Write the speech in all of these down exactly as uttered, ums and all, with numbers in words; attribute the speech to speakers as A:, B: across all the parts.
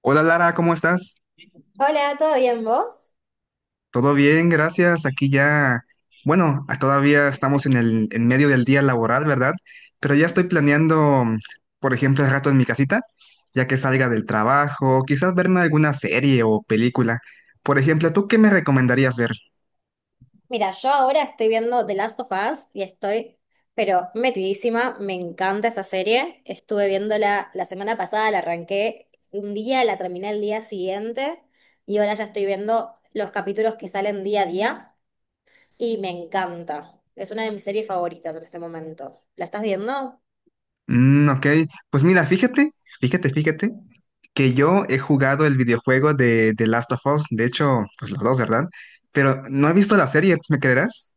A: Hola Lara, ¿cómo estás?
B: Hola, ¿todo bien vos?
A: Todo bien, gracias. Aquí ya, bueno, a- todavía estamos en el en medio del día laboral, ¿verdad? Pero ya estoy planeando, por ejemplo, el rato en mi casita, ya que salga del trabajo, quizás verme alguna serie o película. Por ejemplo, ¿tú qué me recomendarías ver?
B: Mira, yo ahora estoy viendo The Last of Us y estoy, pero metidísima, me encanta esa serie. Estuve viéndola la semana pasada, la arranqué un día, la terminé el día siguiente y ahora ya estoy viendo los capítulos que salen día a día y me encanta. Es una de mis series favoritas en este momento. ¿La estás viendo?
A: Mm, ok, pues mira, fíjate, fíjate, fíjate que yo he jugado el videojuego de The Last of Us, de hecho, pues los dos, ¿verdad? Pero no he visto la serie, ¿me creerás?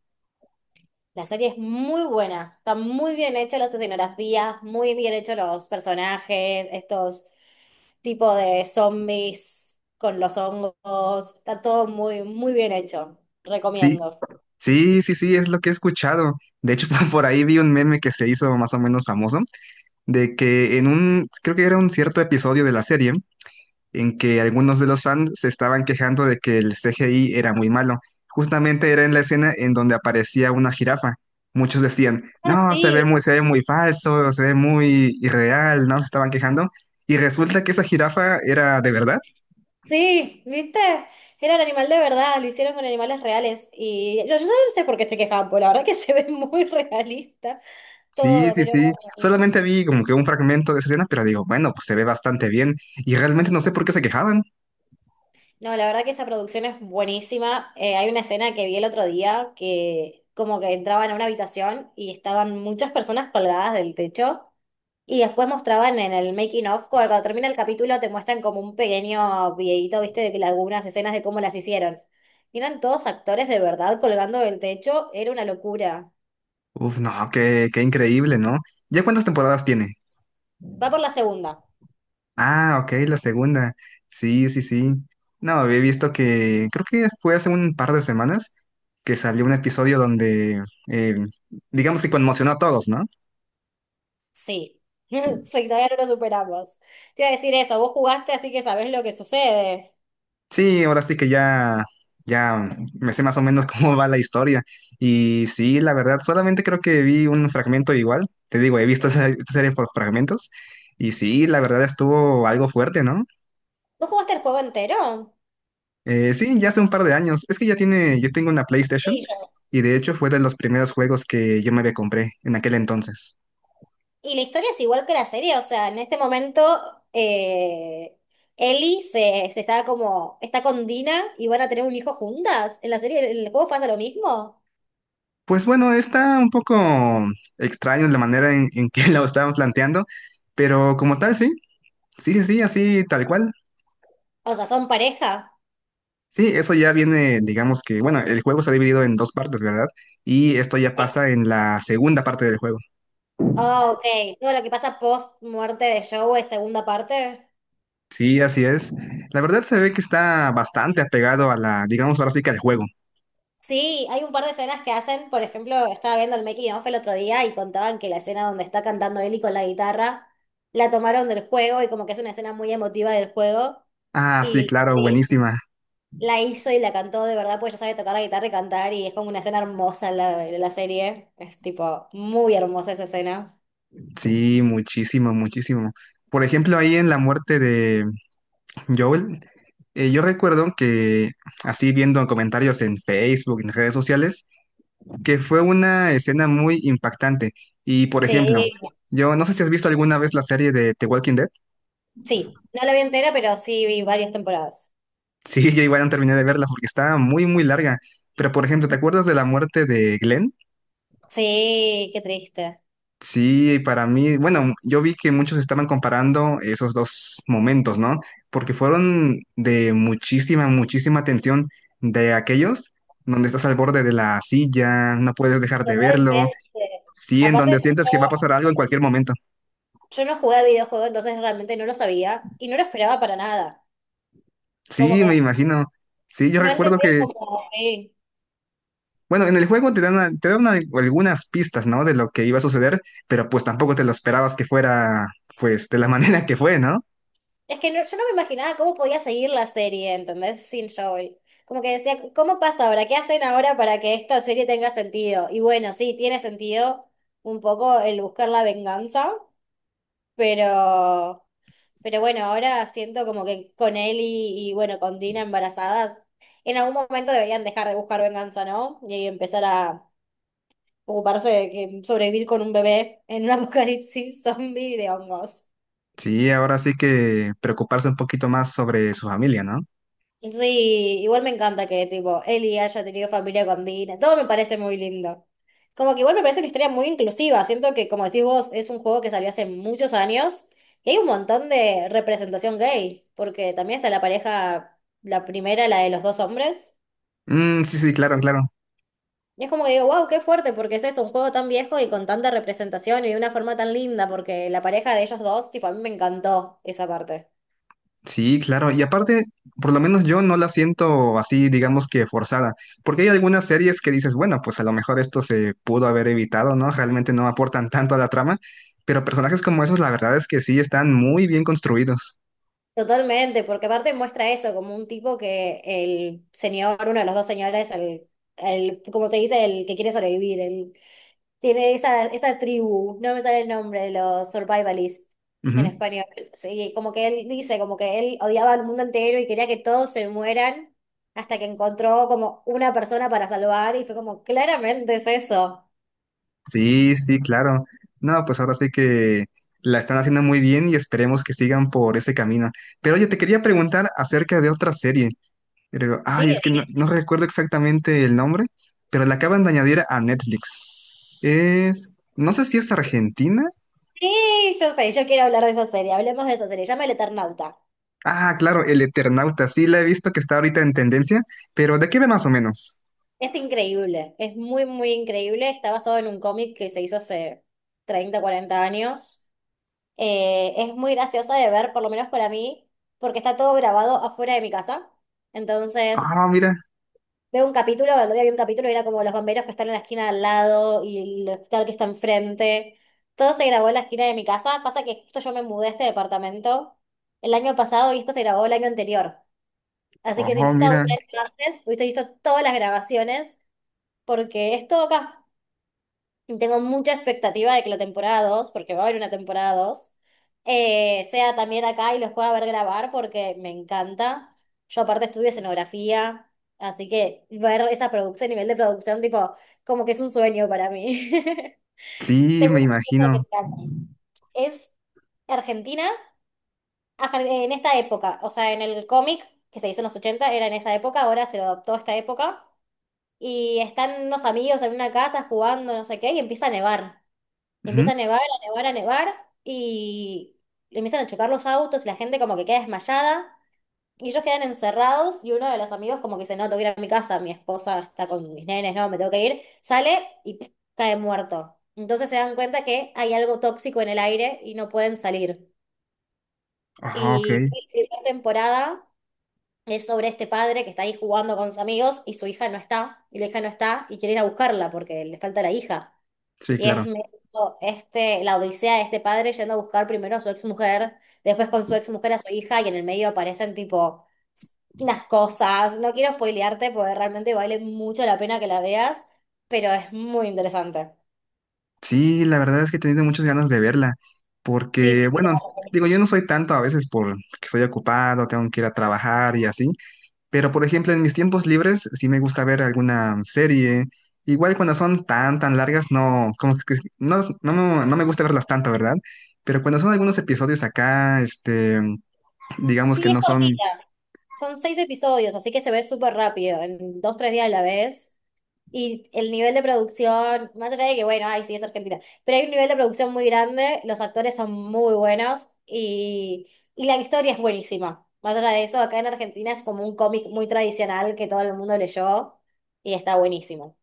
B: La serie es muy buena, está muy bien hecha las escenografías, muy bien hechos los personajes, estos tipos de zombies con los hongos, está todo muy, muy bien hecho.
A: Sí.
B: Recomiendo.
A: Sí, sí, sí, es lo que he escuchado. De hecho, por ahí vi un meme que se hizo más o menos famoso, de que en un, creo que era un cierto episodio de la serie, en que algunos de los fans se estaban quejando de que el C G I era muy malo. Justamente era en la escena en donde aparecía una jirafa. Muchos decían,
B: Ah,
A: no, se ve
B: sí.
A: muy, se ve muy falso, se ve muy irreal, ¿no? Se estaban quejando. Y resulta que esa jirafa era de verdad.
B: Sí, ¿viste? Era el animal de verdad, lo hicieron con animales reales. Y yo, yo no sé por qué se quejaban, porque la verdad que se ve muy realista
A: Sí,
B: todo,
A: sí,
B: pero
A: sí.
B: bueno.
A: Solamente vi como que un fragmento de esa escena, pero digo, bueno, pues se ve bastante bien. Y realmente no sé por qué se quejaban.
B: No, la verdad que esa producción es buenísima. Eh, hay una escena que vi el otro día que como que entraban a una habitación y estaban muchas personas colgadas del techo y después mostraban en el making of, cuando, cuando termina el capítulo te muestran como un pequeño videíto, viste, de que algunas escenas de cómo las hicieron. Y eran todos actores de verdad colgando del techo, era una locura.
A: Uf, no, qué, qué increíble, ¿no? ¿Ya cuántas temporadas tiene?
B: Va por la segunda,
A: Ah, ok, la segunda. Sí, sí, sí. No, había visto que, creo que fue hace un par de semanas que salió un episodio donde, eh, digamos que conmocionó a todos, ¿no?
B: sí. Sí, todavía no lo superamos. Te iba a decir eso, vos jugaste así que sabés lo que sucede.
A: Sí, ahora sí que ya, ya me sé más o menos cómo va la historia. Y sí, la verdad, solamente creo que vi un fragmento igual. Te digo, he visto esa, esta serie por fragmentos. Y sí, la verdad estuvo algo fuerte, ¿no?
B: ¿Vos jugaste el juego entero?
A: Eh, sí, ya hace un par de años. Es que ya tiene, yo tengo una PlayStation
B: Sí.
A: y de hecho fue de los primeros juegos que yo me había compré en aquel entonces.
B: Y la historia es igual que la serie, o sea, en este momento, eh, Ellie se, se está como, está con Dina y van a tener un hijo juntas. En la serie, en el juego pasa lo mismo.
A: Pues bueno, está un poco extraño la manera en, en que lo estaban planteando, pero como tal, sí, sí, sí, sí, así tal cual.
B: O sea, son pareja.
A: Sí, eso ya viene, digamos que, bueno, el juego está dividido en dos partes, ¿verdad? Y esto ya pasa en la segunda parte del juego.
B: Ah, ok. Todo lo que pasa post muerte de Joe es segunda parte.
A: Sí, así es. La verdad se ve que está bastante apegado a la, digamos ahora sí que al juego.
B: Sí, hay un par de escenas que hacen, por ejemplo, estaba viendo el making of el otro día y contaban que la escena donde está cantando Ellie con la guitarra la tomaron del juego y como que es una escena muy emotiva del juego.
A: Ah, sí,
B: Y
A: claro, buenísima.
B: la hizo y la cantó de verdad, pues ya sabe tocar la guitarra y cantar, y es como una escena hermosa la, la serie. Es tipo muy hermosa esa escena.
A: Sí, muchísimo, muchísimo. Por ejemplo, ahí en la muerte de Joel, eh, yo recuerdo que, así viendo comentarios en Facebook, en redes sociales, que fue una escena muy impactante. Y, por
B: Sí,
A: ejemplo, yo no sé si has visto alguna vez la serie de The Walking Dead.
B: sí, no la vi entera, pero sí vi varias temporadas.
A: Sí, yo igual no terminé de verla porque estaba muy, muy larga. Pero, por ejemplo, ¿te acuerdas de la muerte de Glenn?
B: Sí, qué triste.
A: Sí, para mí, bueno, yo vi que muchos estaban comparando esos dos momentos, ¿no? Porque fueron de muchísima, muchísima tensión de aquellos donde estás al borde de la silla, no puedes dejar de verlo,
B: Totalmente.
A: sí, en donde
B: Aparte,
A: sientes que va a
B: yo,
A: pasar algo en cualquier momento.
B: yo no jugué al videojuego, entonces realmente no lo sabía y no lo esperaba para nada. Como
A: Sí, me
B: que
A: imagino. Sí, yo
B: no
A: recuerdo
B: entendí
A: que
B: como, sí.
A: bueno, en el juego te dan, al- te dan al- algunas pistas, ¿no? De lo que iba a suceder, pero pues tampoco te lo esperabas que fuera, pues, de la manera que fue, ¿no?
B: Es que no- yo no me imaginaba cómo podía seguir la serie, ¿entendés? Sin Joel. Como que decía, ¿cómo pasa ahora? ¿Qué hacen ahora para que esta serie tenga sentido? Y bueno, sí, tiene sentido un poco el buscar la venganza, pero, pero bueno, ahora siento como que con él y, y bueno, con Dina embarazadas, en algún momento deberían dejar de buscar venganza, ¿no? Y empezar a ocuparse de que sobrevivir con un bebé en un apocalipsis zombie de hongos.
A: Sí, ahora sí que preocuparse un poquito más sobre su familia, ¿no?
B: Sí, igual me encanta que tipo Eli haya tenido familia con Dina, todo me parece muy lindo. Como que igual me parece una historia muy inclusiva, siento que como decís vos, es un juego que salió hace muchos años y hay un montón de representación gay, porque también está la pareja, la primera, la de los dos hombres,
A: Mm, sí, sí, claro, claro.
B: y es como que digo, wow, qué fuerte, porque es eso, un juego tan viejo y con tanta representación y de una forma tan linda, porque la pareja de ellos dos, tipo, a mí me encantó esa parte.
A: Sí, claro. Y aparte, por lo menos yo no la siento así, digamos que forzada, porque hay algunas series que dices, bueno, pues a lo mejor esto se pudo haber evitado, ¿no? Realmente no aportan tanto a la trama, pero personajes como esos, la verdad es que sí están muy bien construidos.
B: Totalmente, porque aparte muestra eso, como un tipo que el señor, uno de los dos señores, el, el, como se dice, el que quiere sobrevivir, el, tiene esa, esa tribu, no me sale el nombre, los survivalists en español. Sí, como que él dice, como que él odiaba al mundo entero y quería que todos se mueran hasta que encontró como una persona para salvar y fue como, claramente es eso.
A: Sí, sí, claro. No, pues ahora sí que la están haciendo muy bien y esperemos que sigan por ese camino. Pero oye, te quería preguntar acerca de otra serie. Pero, ay, es
B: Sí,
A: que no,
B: sí,
A: no recuerdo exactamente el nombre, pero la acaban de añadir a Netflix. Es, no sé si es Argentina.
B: sí, yo sé, yo quiero hablar de esa serie, hablemos de esa serie, llama El Eternauta.
A: Ah, claro, El Eternauta. Sí, la he visto que está ahorita en tendencia, pero ¿de qué ve más o menos?
B: Es increíble, es muy, muy increíble. Está basado en un cómic que se hizo hace treinta cuarenta años. Eh, es muy graciosa de ver, por lo menos para mí, porque está todo grabado afuera de mi casa. Entonces,
A: Ah, mira.
B: veo un capítulo, el otro día vi un capítulo y era como los bomberos que están en la esquina al lado y el hospital que está enfrente. Todo se grabó en la esquina de mi casa. Pasa que justo yo me mudé a este departamento el año pasado y esto se grabó el año anterior. Así que si hubiese
A: Oh,
B: estado
A: mira.
B: un antes, hubiese visto todas las grabaciones porque es todo acá. Y tengo mucha expectativa de que la temporada dos, porque va a haber una temporada dos, eh, sea también acá y los pueda ver grabar porque me encanta. Yo aparte estudio escenografía, así que ver esa producción, nivel de producción, tipo, como que es un sueño para mí.
A: Sí,
B: Tengo
A: me
B: un poco de que
A: imagino.
B: está aquí. Es Argentina, ajá, en esta época, o sea, en el cómic que se hizo en los ochenta era en esa época, ahora se lo adoptó a esta época, y están unos amigos en una casa jugando, no sé qué, y empieza a nevar.
A: Ujú.
B: Empieza a nevar, a nevar, a nevar y empiezan a chocar los autos y la gente como que queda desmayada y ellos quedan encerrados y uno de los amigos como que dice, no, tengo que ir a mi casa, mi esposa está con mis nenes, no, me tengo que ir, sale y pf, cae muerto. Entonces se dan cuenta que hay algo tóxico en el aire y no pueden salir.
A: Ah, ok.
B: Y la primera temporada es sobre este padre que está ahí jugando con sus amigos y su hija no está, y la hija no está y quiere ir a buscarla porque le falta la hija.
A: Sí,
B: Y es
A: claro.
B: medio este, la odisea de este padre yendo a buscar primero a su ex mujer, después con su ex mujer a su hija, y en el medio aparecen tipo unas cosas. No quiero spoilearte porque realmente vale mucho la pena que la veas, pero es muy interesante.
A: Sí, la verdad es que he tenido muchas ganas de verla,
B: Sí, sí,
A: porque,
B: sí, te la
A: bueno,
B: recomiendo.
A: digo, yo no soy tanto a veces porque estoy ocupado, tengo que ir a trabajar y así, pero por ejemplo, en mis tiempos libres sí me gusta ver alguna serie. Igual cuando son tan, tan largas, no, como que no, no, no me gusta verlas tanto, ¿verdad? Pero cuando son algunos episodios acá, este, digamos
B: Sí,
A: que
B: es
A: no son
B: cortita. Son seis episodios, así que se ve súper rápido. En dos, tres días la ves. Y el nivel de producción, más allá de que, bueno, ay, sí, es Argentina, pero hay un nivel de producción muy grande, los actores son muy buenos y, y la historia es buenísima. Más allá de eso, acá en Argentina es como un cómic muy tradicional que todo el mundo leyó y está buenísimo.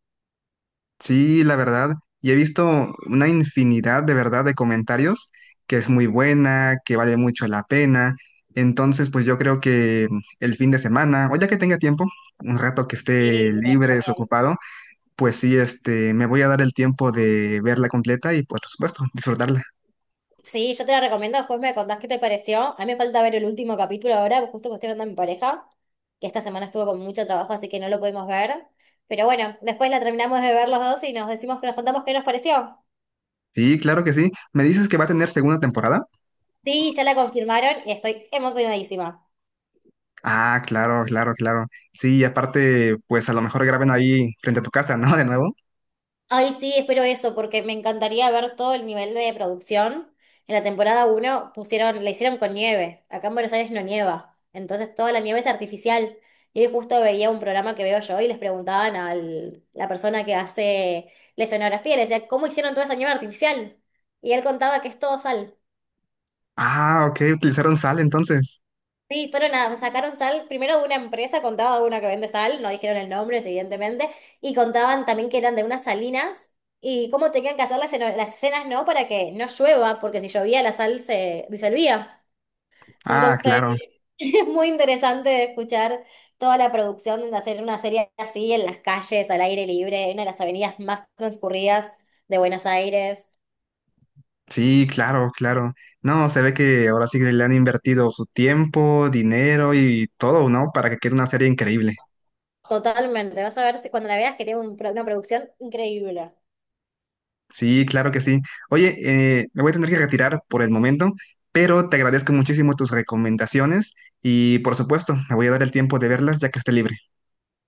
A: sí, la verdad, y he visto una infinidad de verdad de comentarios que es muy buena, que vale mucho la pena. Entonces, pues yo creo que el fin de semana, o ya que tenga tiempo, un rato que esté
B: Sí, te lo
A: libre,
B: recomiendo.
A: desocupado, pues sí, este, me voy a dar el tiempo de verla completa y pues, por supuesto, disfrutarla.
B: Sí, yo te la recomiendo, después me contás qué te pareció. A mí me falta ver el último capítulo ahora, justo que estoy hablando a mi pareja, que esta semana estuvo con mucho trabajo, así que no lo pudimos ver. Pero bueno, después la terminamos de ver los dos y nos decimos que nos contamos qué nos pareció.
A: Sí, claro que sí. ¿Me dices que va a tener segunda temporada?
B: Sí, ya la confirmaron y estoy emocionadísima.
A: Ah, claro, claro, claro. Sí, y aparte, pues a lo mejor graben ahí frente a tu casa, ¿no? De nuevo.
B: Ay, sí, espero eso, porque me encantaría ver todo el nivel de producción. En la temporada uno pusieron, la hicieron con nieve. Acá en Buenos Aires no nieva. Entonces toda la nieve es artificial. Y hoy justo veía un programa que veo yo y les preguntaban a la persona que hace la escenografía, le decía, ¿cómo hicieron toda esa nieve artificial? Y él contaba que es todo sal.
A: Ah, ok, utilizaron sal entonces.
B: Sí, fueron a, sacaron sal, primero una empresa contaba una que vende sal, no dijeron el nombre, evidentemente, y contaban también que eran de unas salinas y cómo tenían que hacer las, esceno- las escenas, ¿no? Para que no llueva, porque si llovía la sal se disolvía.
A: Ah,
B: Entonces,
A: claro.
B: es muy interesante escuchar toda la producción de hacer una serie así en las calles, al aire libre, en una de las avenidas más transcurridas de Buenos Aires.
A: Sí, claro, claro. No, se ve que ahora sí que le han invertido su tiempo, dinero y todo, ¿no? Para que quede una serie increíble.
B: Totalmente, vas a ver si cuando la veas que tiene un pro- una producción increíble.
A: Sí, claro que sí. Oye, eh, me voy a tener que retirar por el momento, pero te agradezco muchísimo tus recomendaciones y por supuesto, me voy a dar el tiempo de verlas ya que esté libre.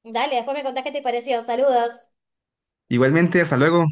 B: Dale, después me contás qué te pareció. Saludos.
A: Igualmente, hasta luego.